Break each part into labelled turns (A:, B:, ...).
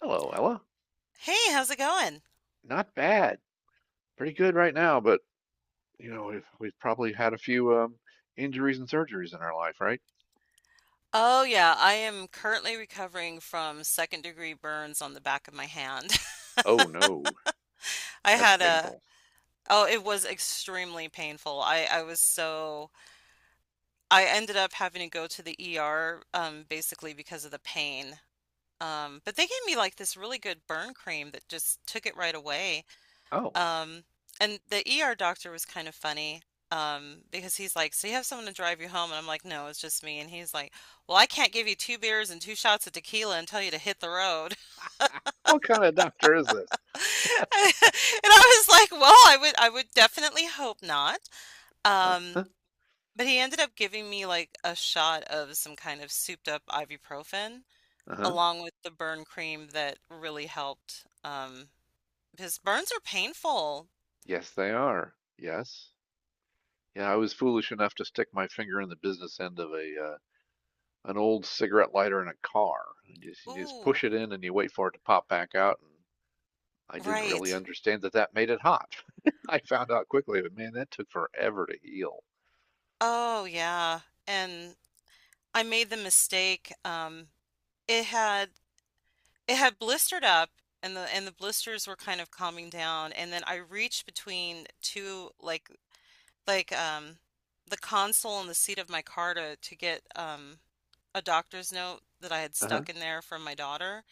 A: Hello, Ella.
B: Hey, how's it going?
A: Not bad. Pretty good right now, but you know, we've probably had a few injuries and surgeries in our life, right?
B: Oh, yeah, I am currently recovering from second degree burns on the back of my hand.
A: Oh no,
B: I
A: that's
B: had a,
A: painful.
B: oh, it was extremely painful. I I ended up having to go to the ER, basically because of the pain. But they gave me like this really good burn cream that just took it right away.
A: Oh,
B: Um, and the ER doctor was kind of funny, because he's like, "So you have someone to drive you home?" And I'm like, "No, it's just me." And he's like, "Well, I can't give you two beers and two shots of tequila and tell you to hit the road."
A: what kind of doctor is this?
B: And I was like, "Well, I would definitely hope not." Um,
A: Uh-huh.
B: but he ended up giving me like a shot of some kind of souped up ibuprofen
A: Uh-huh.
B: along with the burn cream that really helped. Because burns are painful.
A: Yes, they are. Yes. Yeah, I was foolish enough to stick my finger in the business end of a an old cigarette lighter in a car. You just
B: Ooh,
A: push it in and you wait for it to pop back out, and I didn't really
B: right.
A: understand that that made it hot. I found out quickly, but man, that took forever to heal.
B: Oh, yeah, and I made the mistake, it had it had blistered up, and the blisters were kind of calming down, and then I reached between 2, like, the console and the seat of my car to get, a doctor's note that I had
A: Uh-huh.
B: stuck in there from my daughter,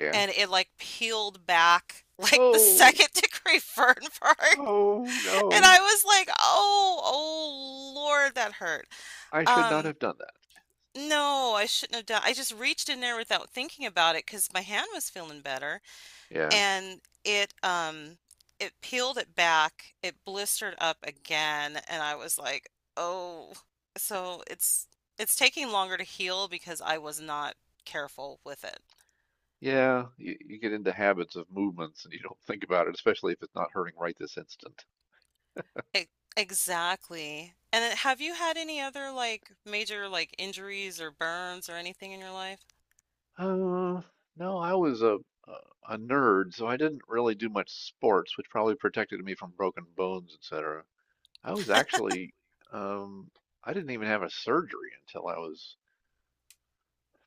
A: Yeah.
B: and it, like, peeled back, like, the
A: Oh,
B: second-degree burn part,
A: oh
B: and
A: no.
B: I was like, "Oh, oh lord, that hurt."
A: I should not
B: Um
A: have done that.
B: No, I shouldn't have done. I just reached in there without thinking about it because my hand was feeling better,
A: Yeah.
B: and it peeled it back. It blistered up again, and I was like, "Oh." So it's taking longer to heal because I was not careful with it.
A: Yeah, you get into habits of movements and you don't think about it, especially if it's not hurting right this instant.
B: E- Exactly. And then have you had any other like major like injuries or burns or anything in your life?
A: Uh, no, I was a nerd, so I didn't really do much sports, which probably protected me from broken bones, etc. I was actually um I didn't even have a surgery until I was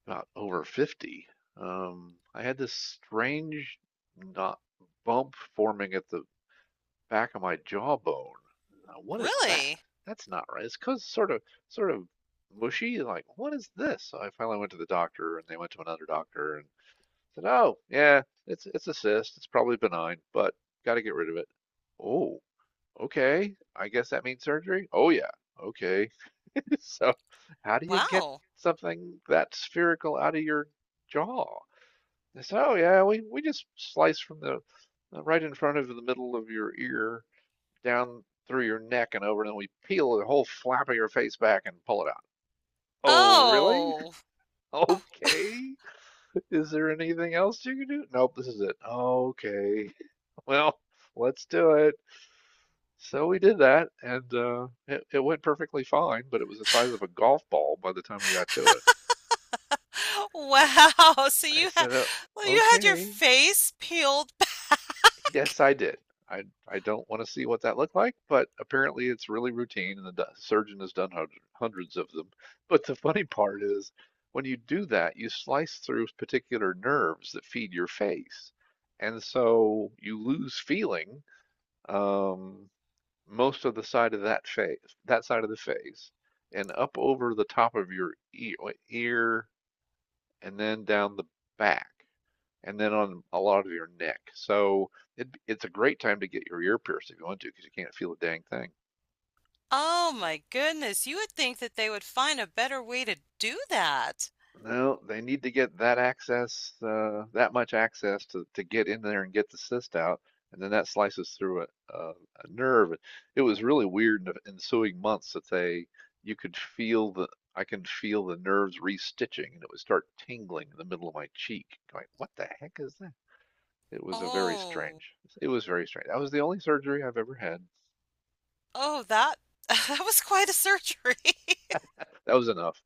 A: not over 50. I had this strange not bump forming at the back of my jawbone. Now, what is that?
B: Really?
A: That's not right. It's cause sort of mushy. Like, what is this? So I finally went to the doctor, and they went to another doctor and said, "Oh, yeah, it's a cyst. It's probably benign, but got to get rid of it." Oh, okay. I guess that means surgery. Oh yeah. Okay. So how do you get
B: Wow.
A: something that spherical out of your jaw? So yeah, we just slice from the right in front of the middle of your ear down through your neck and over, and then we peel the whole flap of your face back and pull it out. Oh, really?
B: Oh.
A: Okay. Is there anything else you can do? Nope, this is it. Okay. Well, let's do it. So we did that, and it went perfectly fine, but it was the size of a golf ball by the time we got to it. It's
B: Wow. So
A: I said,
B: you had your
A: okay,
B: face peeled back.
A: yes, I did. I don't want to see what that looked like, but apparently it's really routine, and the surgeon has done hundreds of them. But the funny part is, when you do that, you slice through particular nerves that feed your face, and so you lose feeling um, most of the side of that face, that side of the face, and up over the top of your ear and then down the back, and then on a lot of your neck. So it's a great time to get your ear pierced if you want to, because you can't feel a dang thing.
B: Oh
A: Well,
B: my goodness. You would think that they would find a better way to do that.
A: no, they need to get that access, that much access to get in there and get the cyst out. And then that slices through a nerve. It was really weird in the ensuing months that you could feel the, I can feel the nerves restitching and it would start tingling in the middle of my cheek. Going, what the heck is that? It was
B: Oh.
A: it was very strange. That was the only surgery I've ever had.
B: Oh, that that was quite a surgery.
A: That was enough.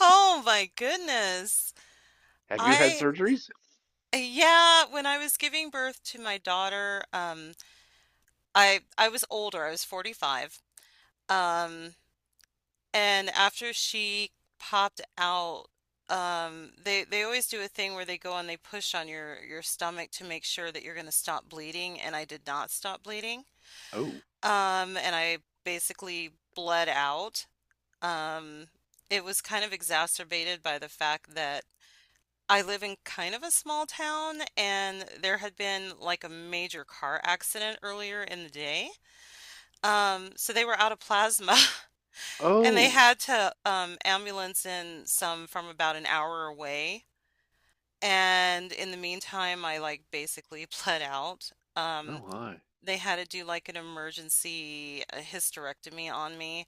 B: Oh my goodness.
A: Have you had
B: I
A: surgeries?
B: yeah, when I was giving birth to my daughter, I was older. I was 45. Um And after she popped out, they always do a thing where they go and they push on your stomach to make sure that you're going to stop bleeding. And I did not stop bleeding.
A: Oh.
B: And I basically bled out. Um, it was kind of exacerbated by the fact that I live in kind of a small town, and there had been like a major car accident earlier in the day. So they were out of plasma. And they
A: Oh.
B: had to, ambulance in some from about an hour away. And in the meantime, I like basically bled out.
A: Oh my.
B: They had to do like an emergency, hysterectomy on me.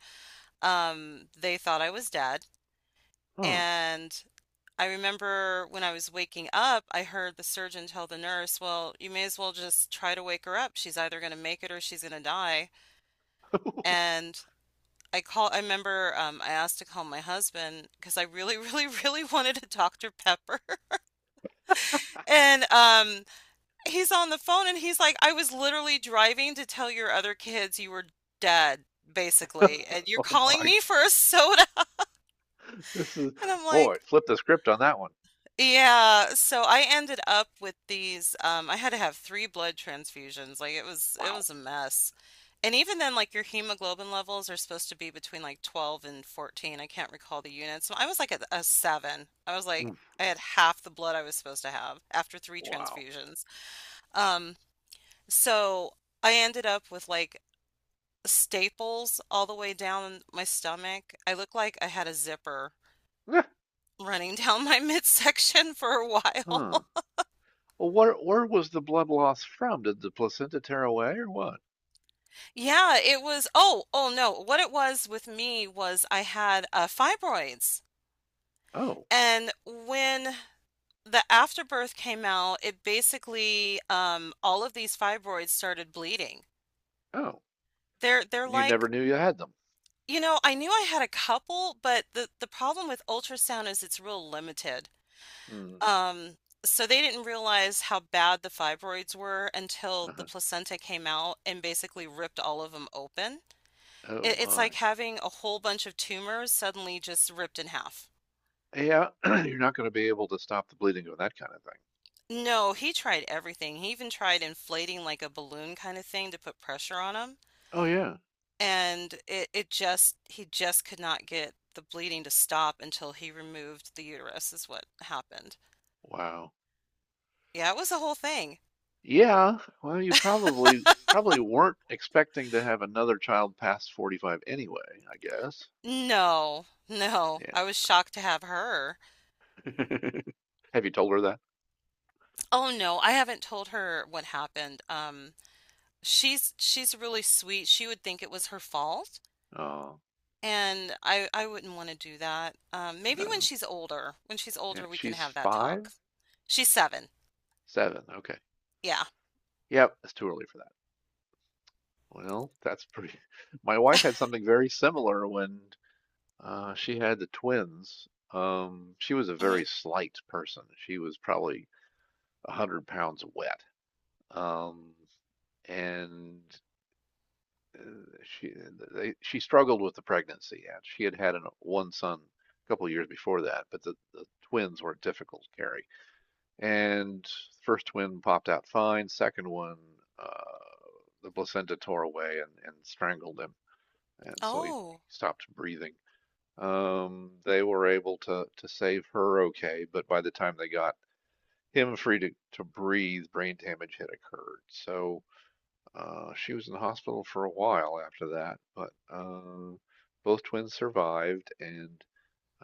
B: They thought I was dead.
A: Huh.
B: And I remember when I was waking up, I heard the surgeon tell the nurse, "Well, you may as well just try to wake her up. She's either going to make it or she's going to die." And I remember, I asked to call my husband because I really, really, really wanted a Dr. Pepper. And, he's on the phone and he's like, "I was literally driving to tell your other kids you were dead, basically, and you're
A: oh
B: calling
A: my.
B: me for a soda."
A: This is
B: And I'm
A: boy,
B: like,
A: flip the script on that one.
B: Yeah, so I ended up with these. I had to have three blood transfusions. Like it was it
A: Wow.
B: was a mess. And even then, like, your hemoglobin levels are supposed to be between like 12 and 14. I can't recall the units. I was like a 7. I was like
A: Oof.
B: I had half the blood I was supposed to have after three
A: Wow.
B: transfusions. Um so I ended up with like staples all the way down my stomach. I looked like I had a zipper
A: Eh,
B: running down my midsection for a while.
A: huh. Well, where was the blood loss from? Did the placenta tear away or what?
B: Yeah, it was. Oh, oh no. What it was with me was I had, fibroids.
A: Oh.
B: And when the afterbirth came out, it basically, all of these fibroids started bleeding.
A: Oh.
B: They're
A: And you
B: like,
A: never knew you had them.
B: I knew I had a couple, but the problem with ultrasound is it's real limited.
A: Hmm.
B: Um, so they didn't realize how bad the fibroids were until the
A: Uh-huh.
B: placenta came out and basically ripped all of them open.
A: Oh
B: It's
A: my.
B: like having a whole bunch of tumors suddenly just ripped in half.
A: Yeah, you're not going to be able to stop the bleeding of that kind of thing.
B: No, he tried everything. He even tried inflating like a balloon kind of thing to put pressure on him.
A: Oh yeah.
B: And he just could not get the bleeding to stop until he removed the uterus, is what happened.
A: Wow.
B: Yeah, it was a whole thing.
A: Yeah, well, you probably probably weren't expecting to have another child past 45 anyway, I guess.
B: No, no.
A: Yeah.
B: I was shocked to have her.
A: Have you told her that?
B: Oh no, I haven't told her what happened. She's really sweet. She would think it was her fault.
A: Oh,
B: And I wouldn't wanna do that. Maybe when
A: no.
B: she's older. When she's
A: Yeah,
B: older, we can
A: she's
B: have that
A: 5?
B: talk. She's 7.
A: 7. Okay.
B: Yeah.
A: Yep, it's too early for that. Well, that's pretty. My wife had something very similar when she had the twins. She was a
B: Mhm.
A: very slight person. She was probably a 100 pounds wet. Um, and uh, she she struggled with the pregnancy and she had had one son a couple of years before that, but the twins were difficult to carry, and first twin popped out fine, second one uh, the placenta tore away and strangled him, and so he
B: Oh.
A: stopped breathing. Um, they were able to save her okay, but by the time they got him free to breathe, brain damage had occurred. So she was in the hospital for a while after that, but both twins survived, and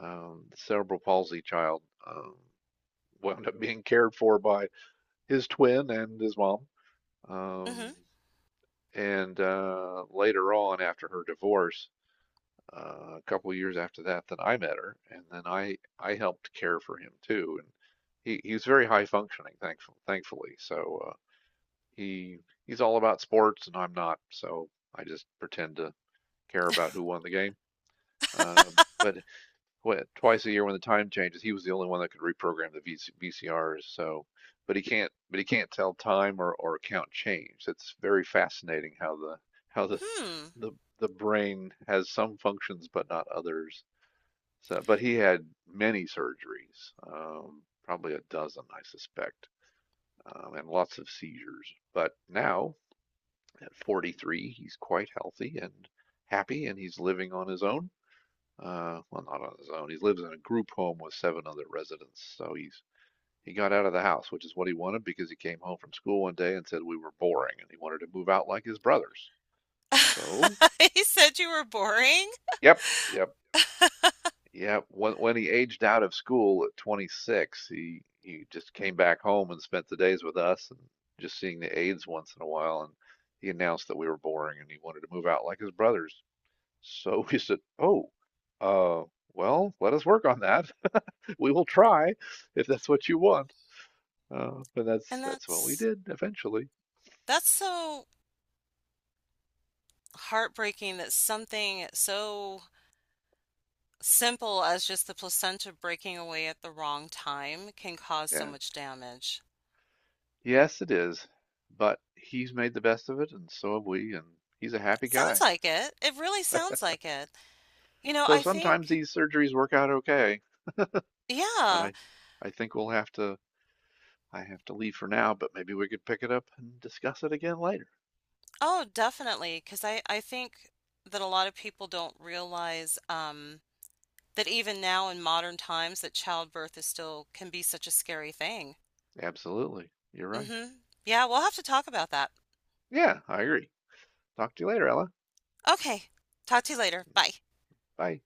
A: the cerebral palsy child wound up being cared for by his twin and his mom. Um,
B: Mhm.
A: and later on, after her divorce, a couple of years after that, then I met her, and then I helped care for him too. And he's very high functioning, thankfully. So he he's all about sports, and I'm not, so I just pretend to care about who won the game. But what, twice a year when the time changes, he was the only one that could reprogram the VCRs. So, but he can't tell time or count change. It's very fascinating how how the,
B: Hmm.
A: the the brain has some functions but not others. So, but he had many surgeries, probably a dozen, I suspect, and lots of seizures. But now at 43, he's quite healthy and happy, and he's living on his own. Well, not on his own. He lives in a group home with seven other residents. So he got out of the house, which is what he wanted because he came home from school one day and said we were boring and he wanted to move out like his brothers. So,
B: He said you were boring?
A: yep, yep, yep. When he aged out of school at 26, he just came back home and spent the days with us and just seeing the aides once in a while and he announced that we were boring and he wanted to move out like his brothers. So we said, "Oh, uh, well, let us work on that. We will try if that's what you want." But
B: And
A: that's what we
B: that's
A: did eventually.
B: that's so heartbreaking that something so simple as just the placenta breaking away at the wrong time can cause so
A: Yeah.
B: much damage.
A: Yes, it is. But he's made the best of it, and so have we, and he's a happy
B: Sounds
A: guy.
B: like it. It really sounds like it. You know,
A: So
B: I
A: sometimes
B: think.
A: these surgeries work out okay, but
B: Yeah.
A: I think we'll have to. I have to leave for now, but maybe we could pick it up and discuss it again later.
B: Oh, definitely, because I think that a lot of people don't realize, that even now in modern times that childbirth is still can be such a scary thing.
A: Absolutely. You're right.
B: hmm Yeah, we'll have to talk about that.
A: Yeah, I agree. Talk to you later, Ella.
B: Okay, talk to you later. Bye.
A: Bye.